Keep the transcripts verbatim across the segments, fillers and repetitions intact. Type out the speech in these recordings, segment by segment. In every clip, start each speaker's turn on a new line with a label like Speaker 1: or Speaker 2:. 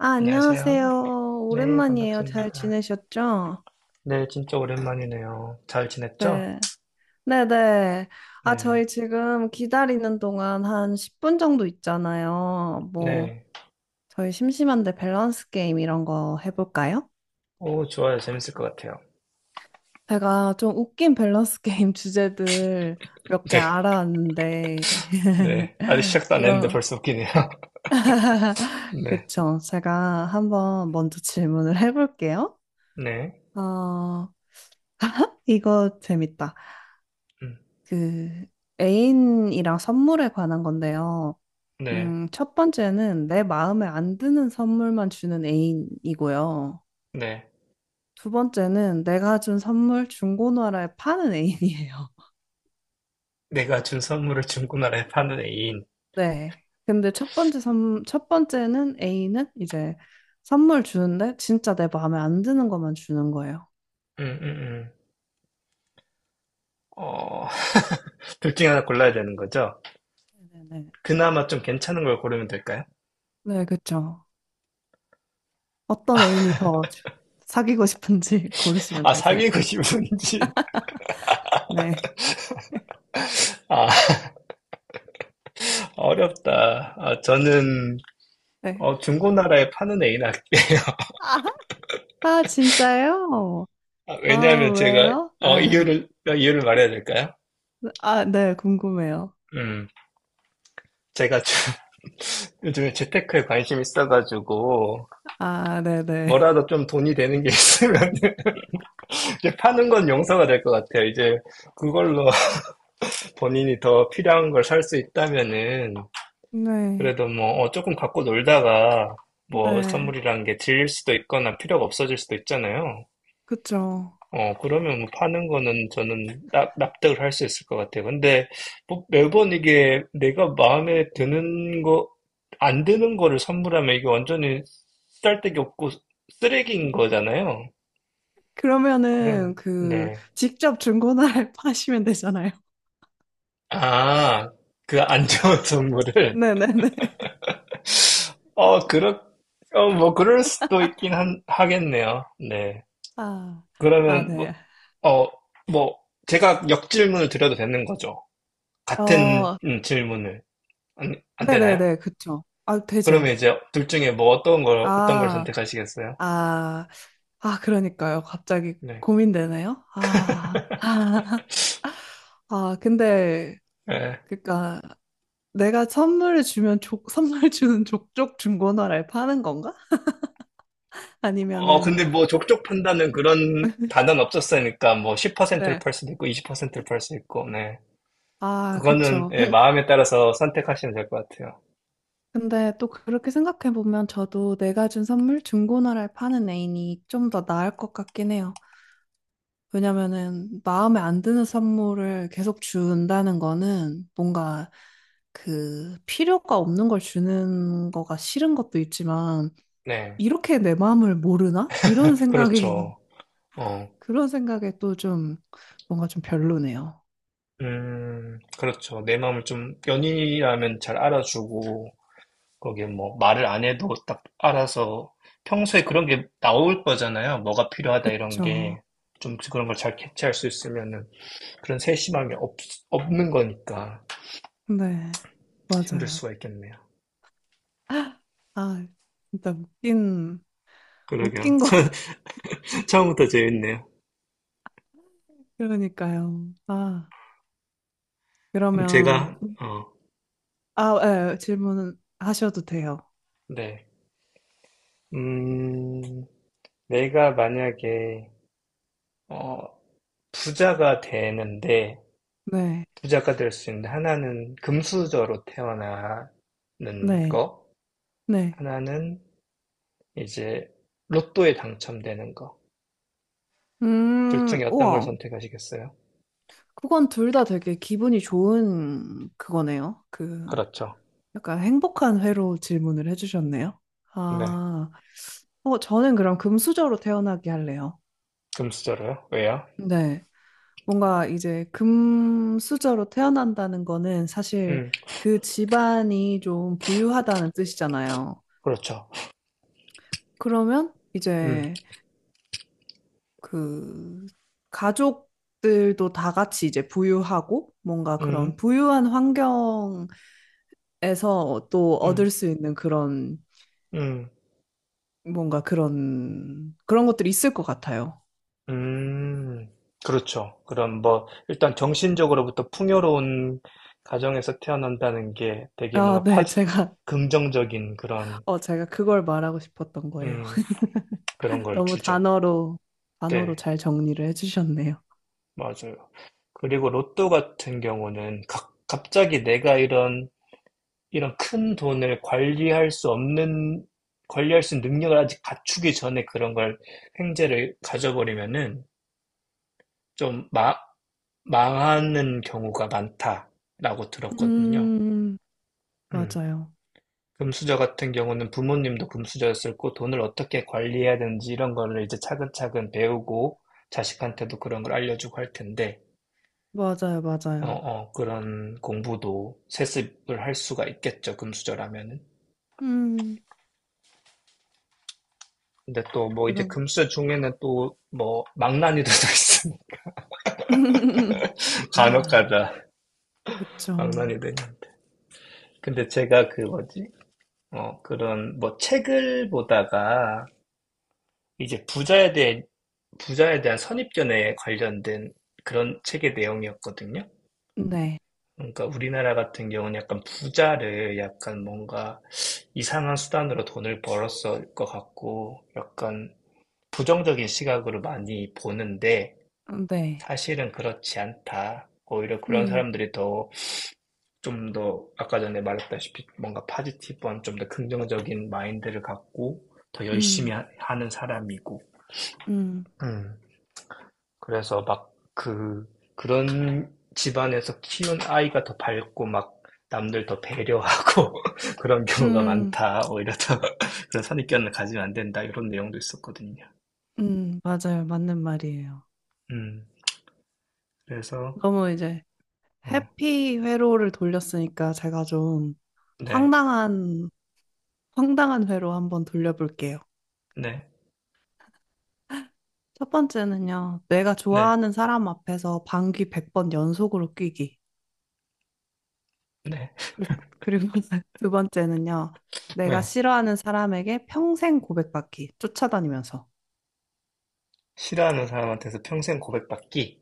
Speaker 1: 아,
Speaker 2: 안녕하세요.
Speaker 1: 안녕하세요.
Speaker 2: 네,
Speaker 1: 오랜만이에요. 잘
Speaker 2: 반갑습니다.
Speaker 1: 지내셨죠?
Speaker 2: 네, 진짜 오랜만이네요. 잘 지냈죠?
Speaker 1: 네. 네네. 아,
Speaker 2: 네,
Speaker 1: 저희 지금 기다리는 동안 한 십 분 정도 있잖아요. 뭐,
Speaker 2: 네.
Speaker 1: 저희 심심한데 밸런스 게임 이런 거 해볼까요?
Speaker 2: 오, 좋아요. 재밌을 것 같아요.
Speaker 1: 제가 좀 웃긴 밸런스 게임 주제들 몇 개
Speaker 2: 네,
Speaker 1: 알아왔는데,
Speaker 2: 네. 아직 시작도 안 했는데
Speaker 1: 이런,
Speaker 2: 벌써 웃기네요. 네,
Speaker 1: 그쵸. 제가 한번 먼저 질문을 해볼게요.
Speaker 2: 네,
Speaker 1: 어, 이거 재밌다.
Speaker 2: 음,
Speaker 1: 그 애인이랑 선물에 관한 건데요.
Speaker 2: 네,
Speaker 1: 음, 첫 번째는 내 마음에 안 드는 선물만 주는 애인이고요.
Speaker 2: 네.
Speaker 1: 두 번째는 내가 준 선물 중고나라에 파는 애인이에요.
Speaker 2: 내가 준 선물을 중고나라에 파는 애인.
Speaker 1: 네. 근데 첫 번째 선, 첫 번째는 애인은 이제 선물 주는데 진짜 내 마음에 안 드는 것만 주는 거예요.
Speaker 2: 음, 음, 음. 어, 둘 중에 하나 골라야 되는 거죠?
Speaker 1: 네네네.
Speaker 2: 그나마 좀 괜찮은 걸 고르면 될까요?
Speaker 1: 네, 그쵸. 어떤 애인이 더 주- 사귀고 싶은지 고르시면
Speaker 2: 아,
Speaker 1: 되세요.
Speaker 2: 사귀고 싶은지.
Speaker 1: 네.
Speaker 2: 아, 어렵다. 아, 저는,
Speaker 1: 네.
Speaker 2: 어, 중고나라에 파는 애인 할게요.
Speaker 1: 아, 진짜요?
Speaker 2: 아,
Speaker 1: 아,
Speaker 2: 왜냐하면 제가
Speaker 1: 왜요?
Speaker 2: 어,
Speaker 1: 아,
Speaker 2: 이유를 어, 이유를 말해야 될까요?
Speaker 1: 아, 네, 궁금해요.
Speaker 2: 음, 제가 요즘에 재테크에 관심이 있어가지고
Speaker 1: 아, 네네.
Speaker 2: 뭐라도 좀 돈이 되는 게 있으면 이제 파는 건 용서가 될 것 같아요. 이제 그걸로 본인이 더 필요한 걸 살 수 있다면은
Speaker 1: 네,
Speaker 2: 그래도 뭐 어, 조금 갖고 놀다가 뭐
Speaker 1: 네,
Speaker 2: 선물이란 게 질릴 수도 있거나 필요가 없어질 수도 있잖아요.
Speaker 1: 그쵸.
Speaker 2: 어, 그러면 뭐 파는 거는 저는 납, 납득을 할 수 있을 것 같아요. 근데 뭐 매번 이게 내가 마음에 드는 거, 안 드는 거를 선물하면 이게 완전히 쓸데기 없고 쓰레기인 거잖아요. 그러면,
Speaker 1: 그러면은, 그,
Speaker 2: 네.
Speaker 1: 직접 중고나라에 파시면 되잖아요.
Speaker 2: 아, 그 안 좋은 선물을.
Speaker 1: 네네네.
Speaker 2: 어, 그렇, 어, 뭐 그럴 수도 있긴 한, 하겠네요. 네.
Speaker 1: 아, 아,
Speaker 2: 그러면, 뭐,
Speaker 1: 네.
Speaker 2: 어, 뭐, 제가 역질문을 드려도 되는 거죠. 같은
Speaker 1: 어,
Speaker 2: 음, 질문을. 안, 안 되나요?
Speaker 1: 네네네, 그쵸. 아,
Speaker 2: 그러면
Speaker 1: 되죠.
Speaker 2: 이제 둘 중에 뭐 어떤 걸, 어떤 걸
Speaker 1: 아,
Speaker 2: 선택하시겠어요?
Speaker 1: 아, 아, 그러니까요. 갑자기
Speaker 2: 네.
Speaker 1: 고민되네요. 아, 아, 아, 근데,
Speaker 2: 네.
Speaker 1: 그니까, 내가 선물을 주면 족, 선물 주는 족족 중고나라에 파는 건가?
Speaker 2: 어,
Speaker 1: 아니면은,
Speaker 2: 근데 뭐 족족 판다는 그런 단어는 없었으니까 뭐 십 퍼센트를
Speaker 1: 네.
Speaker 2: 팔 수도 있고 이십 퍼센트를 팔 수 있고, 네.
Speaker 1: 아,
Speaker 2: 그거는
Speaker 1: 그쵸.
Speaker 2: 예,
Speaker 1: 그,
Speaker 2: 마음에 따라서 선택하시면 될 것 같아요.
Speaker 1: 근데 또 그렇게 생각해 보면 저도 내가 준 선물 중고나라에 파는 애인이 좀 더 나을 것 같긴 해요. 왜냐면은 마음에 안 드는 선물을 계속 준다는 거는 뭔가 그 필요가 없는 걸 주는 거가 싫은 것도 있지만
Speaker 2: 네.
Speaker 1: 이렇게 내 마음을 모르나? 이런 생각이
Speaker 2: 그렇죠. 어,
Speaker 1: 그런 생각에 또 좀 뭔가 좀 별로네요.
Speaker 2: 음, 그렇죠. 내 마음을 좀 연인이라면 잘 알아주고, 거기에 뭐 말을 안 해도 딱 알아서 평소에 그런 게 나올 거잖아요. 뭐가 필요하다 이런
Speaker 1: 그쵸.
Speaker 2: 게. 좀 그런 걸 잘 캐치할 수 있으면은 그런 세심함이 없, 없는 거니까
Speaker 1: 네,
Speaker 2: 힘들 수가
Speaker 1: 맞아요.
Speaker 2: 있겠네요.
Speaker 1: 아, 진짜 웃긴,
Speaker 2: 그러게요.
Speaker 1: 웃긴 거.
Speaker 2: 처- 처음부터 재밌네요.
Speaker 1: 그러니까요. 아,
Speaker 2: 그럼
Speaker 1: 그러면,
Speaker 2: 제가, 어,
Speaker 1: 아, 예, 질문 하셔도 돼요.
Speaker 2: 네. 음, 내가 만약에, 어, 부자가 되는데,
Speaker 1: 네,
Speaker 2: 부자가 될 수 있는데, 하나는 금수저로 태어나는
Speaker 1: 네,
Speaker 2: 거,
Speaker 1: 네.
Speaker 2: 하나는 이제 로또에 당첨되는 거. 둘
Speaker 1: 음,
Speaker 2: 중에 어떤 걸
Speaker 1: 우와.
Speaker 2: 선택하시겠어요?
Speaker 1: 그건 둘 다 되게 기분이 좋은 그거네요. 그,
Speaker 2: 그렇죠.
Speaker 1: 약간 행복한 회로 질문을 해주셨네요.
Speaker 2: 네.
Speaker 1: 아, 어, 저는 그럼 금수저로 태어나게 할래요.
Speaker 2: 금수저로요? 왜요?
Speaker 1: 네. 뭔가 이제 금수저로 태어난다는 거는 사실
Speaker 2: 음,
Speaker 1: 그 집안이 좀 부유하다는 뜻이잖아요.
Speaker 2: 그렇죠.
Speaker 1: 그러면
Speaker 2: 음,
Speaker 1: 이제 그 가족들도 다 같이 이제 부유하고 뭔가
Speaker 2: 음,
Speaker 1: 그런 부유한 환경에서 또
Speaker 2: 음,
Speaker 1: 얻을 수 있는 그런
Speaker 2: 음,
Speaker 1: 뭔가 그런 그런 것들이 있을 것 같아요.
Speaker 2: 음. 그렇죠. 그럼 뭐, 일단 정신적으로부터 풍요로운 가정에서 태어난다는 게 되게
Speaker 1: 아,
Speaker 2: 뭔가 파,
Speaker 1: 네, 제가
Speaker 2: 긍정적인 그런,
Speaker 1: 어 제가 그걸 말하고 싶었던 거예요.
Speaker 2: 음, 그런 걸
Speaker 1: 너무
Speaker 2: 주죠.
Speaker 1: 단어로 단어로
Speaker 2: 네,
Speaker 1: 잘 정리를 해주셨네요.
Speaker 2: 맞아요. 그리고 로또 같은 경우는 각- 갑자기 내가 이런 이런 큰 돈을 관리할 수 없는, 관리할 수 있는 능력을 아직 갖추기 전에 그런 걸 횡재를 가져버리면은 좀 마, 망하는 경우가 많다라고 들었거든요.
Speaker 1: 음,
Speaker 2: 음.
Speaker 1: 맞아요.
Speaker 2: 금수저 같은 경우는 부모님도 금수저였을 고 돈을 어떻게 관리해야 되는지 이런 거를 이제 차근차근 배우고 자식한테도 그런 걸 알려주고 할 텐데,
Speaker 1: 맞아요,
Speaker 2: 어,
Speaker 1: 맞아요.
Speaker 2: 어, 그런 공부도 세습을 할 수가 있겠죠, 금수저라면은.
Speaker 1: 음,
Speaker 2: 근데 또 뭐 이제
Speaker 1: 그럼.
Speaker 2: 금수 중에는 또 뭐 망나니도 또 있습니다. 간혹 가다
Speaker 1: 그쵸.
Speaker 2: 망나니도 있는데. 근데 제가 그 뭐지? 어, 그런 뭐 책을 보다가 이제 부자에 대해 부자에 대한 선입견에 관련된 그런 책의 내용이었거든요.
Speaker 1: 네,
Speaker 2: 그러니까 우리나라 같은 경우는 약간 부자를 약간 뭔가 이상한 수단으로 돈을 벌었을 것 같고 약간 부정적인 시각으로 많이 보는데
Speaker 1: 네.
Speaker 2: 사실은 그렇지 않다. 오히려 그런
Speaker 1: 음,
Speaker 2: 사람들이 더, 좀 더, 아까 전에 말했다시피 뭔가 파지티브한 좀 더 긍정적인 마인드를 갖고 더 열심히
Speaker 1: 음,
Speaker 2: 하- 하는 사람이고.
Speaker 1: 음,
Speaker 2: 음. 그래서 막 그, 그런 집안에서 키운 아이가 더 밝고 막 남들 더 배려하고 그런 경우가
Speaker 1: 음,
Speaker 2: 많다. 오히려 더 그런 선입견을 가지면 안 된다. 이런 내용도 있었거든요.
Speaker 1: 음, 맞아요. 맞는 말이에요.
Speaker 2: 음. 그래서,
Speaker 1: 너무 이제
Speaker 2: 어,
Speaker 1: 해피 회로를 돌렸으니까 제가 좀
Speaker 2: 네,
Speaker 1: 황당한, 황당한 회로 한번 돌려볼게요.
Speaker 2: 네,
Speaker 1: 첫 번째는요, 내가
Speaker 2: 네,
Speaker 1: 좋아하는 사람 앞에서 방귀 백 번 연속으로 뀌기.
Speaker 2: 네.
Speaker 1: 그- 그리고 두 번째는요. 내가
Speaker 2: 네.
Speaker 1: 싫어하는 사람에게 평생 고백받기, 쫓아다니면서.
Speaker 2: 싫어하는 사람한테서 평생 고백받기?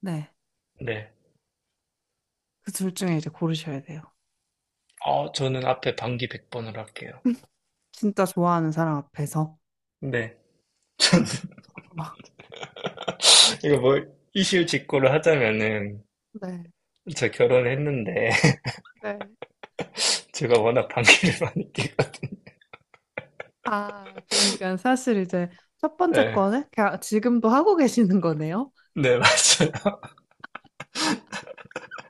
Speaker 1: 네.
Speaker 2: 네.
Speaker 1: 그둘 중에 이제 고르셔야 돼요.
Speaker 2: 어, 저는 앞에 반기 백 번을 할게요.
Speaker 1: 진짜 좋아하는 사람 앞에서.
Speaker 2: 네. 저는, 이거 뭐, 이실 직고를 하자면은,
Speaker 1: 네.
Speaker 2: 저 결혼했는데,
Speaker 1: 네.
Speaker 2: 제가 워낙 반기를 많이 끼고,
Speaker 1: 아, 그러니까 사실 이제 첫 번째
Speaker 2: 네.
Speaker 1: 거는 가- 지금도 하고 계시는 거네요.
Speaker 2: 네, 맞아요.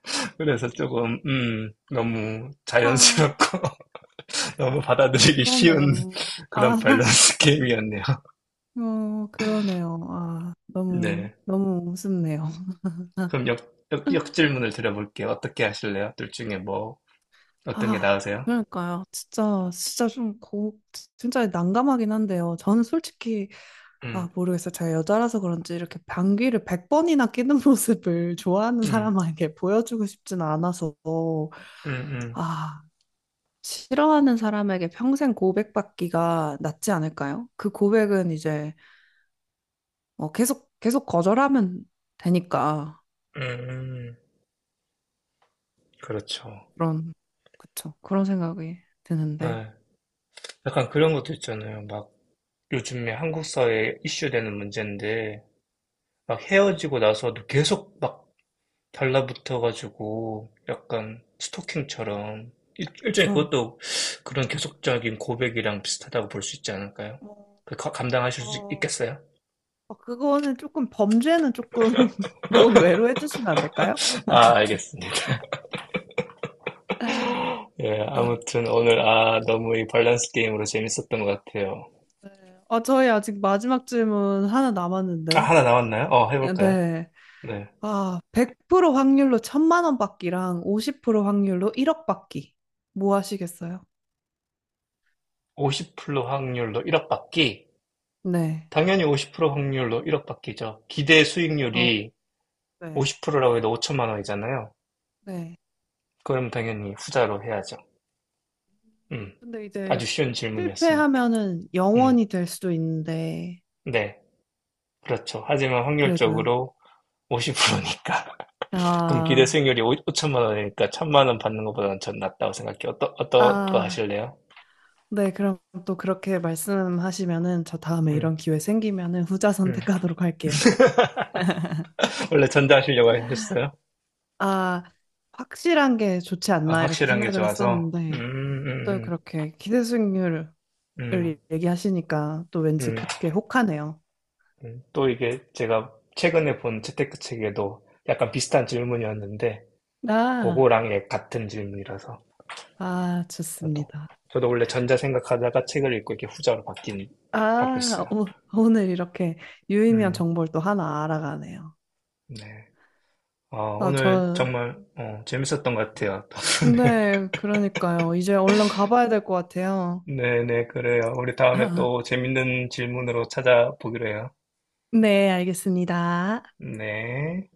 Speaker 2: 그래서 조금, 음, 너무
Speaker 1: 아,
Speaker 2: 자연스럽고, 너무 받아들이기 쉬운
Speaker 1: 그러네요. 아,
Speaker 2: 그런 밸런스 게임이었네요.
Speaker 1: 어, 그러네요. 아, 너무,
Speaker 2: 네.
Speaker 1: 너무 우습네요.
Speaker 2: 그럼 역, 역, 역질문을 드려볼게요. 어떻게 하실래요? 둘 중에 뭐, 어떤 게
Speaker 1: 아,
Speaker 2: 나으세요?
Speaker 1: 그러니까요. 진짜, 진짜 좀 고, 진짜 난감하긴 한데요. 저는 솔직히,
Speaker 2: 음,
Speaker 1: 아, 모르겠어요. 제가 여자라서 그런지 이렇게 방귀를 백번이나 끼는 모습을 좋아하는
Speaker 2: 음,
Speaker 1: 사람에게 보여주고 싶진 않아서,
Speaker 2: 음, 음.
Speaker 1: 아, 싫어하는 사람에게 평생 고백받기가 낫지 않을까요? 그 고백은 이제, 어, 계속, 계속 거절하면 되니까.
Speaker 2: 음, 그렇죠.
Speaker 1: 그런, 그쵸. 그런 생각이 드는데.
Speaker 2: 예. 약간 그런 것도 있잖아요. 막 요즘에 한국 사회에 이슈되는 문제인데, 막 헤어지고 나서도 계속 막 달라붙어가지고, 약간 스토킹처럼, 일, 일종의
Speaker 1: 그쵸.
Speaker 2: 그것도 그런 계속적인 고백이랑 비슷하다고 볼 수 있지 않을까요?
Speaker 1: 어,
Speaker 2: 그 가- 감당하실 수
Speaker 1: 어,
Speaker 2: 있겠어요?
Speaker 1: 어, 그거는 조금 범죄는 조금 논외로 해주시면 안 될까요?
Speaker 2: 아, 알겠습니다.
Speaker 1: 아,
Speaker 2: 예,
Speaker 1: 네.
Speaker 2: 아무튼 오늘, 아, 너무 이 밸런스 게임으로 재밌었던 것 같아요.
Speaker 1: 어, 저희 아직 마지막 질문 하나
Speaker 2: 아,
Speaker 1: 남았는데.
Speaker 2: 하나 나왔나요? 어, 해볼까요?
Speaker 1: 네.
Speaker 2: 네.
Speaker 1: 아, 백 퍼센트 확률로 천만 원 받기랑 오십 퍼센트 확률로 일억 받기. 뭐 하시겠어요?
Speaker 2: 오십 퍼센트 확률로 일억 받기.
Speaker 1: 네.
Speaker 2: 당연히 오십 퍼센트 확률로 일억 받기죠. 기대
Speaker 1: 어,
Speaker 2: 수익률이
Speaker 1: 네.
Speaker 2: 오십 라고 해도 오천만 원이잖아요.
Speaker 1: 네.
Speaker 2: 그럼 당연히 후자로 해야죠. 음,
Speaker 1: 근데 이제
Speaker 2: 아주 쉬운 질문이었습니다.
Speaker 1: 실패하면은
Speaker 2: 음,
Speaker 1: 영원이 될 수도 있는데,
Speaker 2: 네, 그렇죠. 하지만
Speaker 1: 그래도요.
Speaker 2: 확률적으로 오십 퍼센트니까. 그럼 기대
Speaker 1: 아,
Speaker 2: 수익률이 오, 천만 원이니까 천만 원 받는 것보다는 전 낫다고 생각해요. 어떠, 어떤 거
Speaker 1: 아,
Speaker 2: 하실래요?
Speaker 1: 네, 그럼 또 그렇게 말씀하시면은 저 다음에
Speaker 2: 음,
Speaker 1: 이런 기회 생기면은 후자
Speaker 2: 음.
Speaker 1: 선택하도록 할게요.
Speaker 2: 원래 전자 하시려고 하셨어요?
Speaker 1: 아, 확실한 게 좋지
Speaker 2: 아,
Speaker 1: 않나 이렇게
Speaker 2: 확실한 게
Speaker 1: 생각을
Speaker 2: 좋아서. 음,
Speaker 1: 했었는데 또
Speaker 2: 음,
Speaker 1: 그렇게 기대 수익률을
Speaker 2: 음, 음,
Speaker 1: 얘기하시니까 또 왠지
Speaker 2: 음.
Speaker 1: 그게 혹하네요.
Speaker 2: 음, 또 이게 제가 최근에 본 재테크책에도 약간 비슷한 질문이었는데,
Speaker 1: 아,
Speaker 2: 그거랑 예, 같은 질문이라서,
Speaker 1: 아,
Speaker 2: 저도.
Speaker 1: 좋습니다.
Speaker 2: 저도 원래 전자 생각하다가 책을 읽고 이렇게 후자로 바뀐,
Speaker 1: 아,
Speaker 2: 바뀌었어요.
Speaker 1: 오, 오늘 이렇게 유의미한
Speaker 2: 음,
Speaker 1: 정보를 또 하나 알아가네요.
Speaker 2: 네. 어,
Speaker 1: 아,
Speaker 2: 오늘
Speaker 1: 저,
Speaker 2: 정말, 어, 재밌었던 것 같아요. 네.
Speaker 1: 네, 그러니까요. 이제 얼른 가봐야 될 것 같아요.
Speaker 2: 네네, 그래요. 우리 다음에 또 재밌는 질문으로 찾아보기로 해요.
Speaker 1: 네, 알겠습니다.
Speaker 2: 네.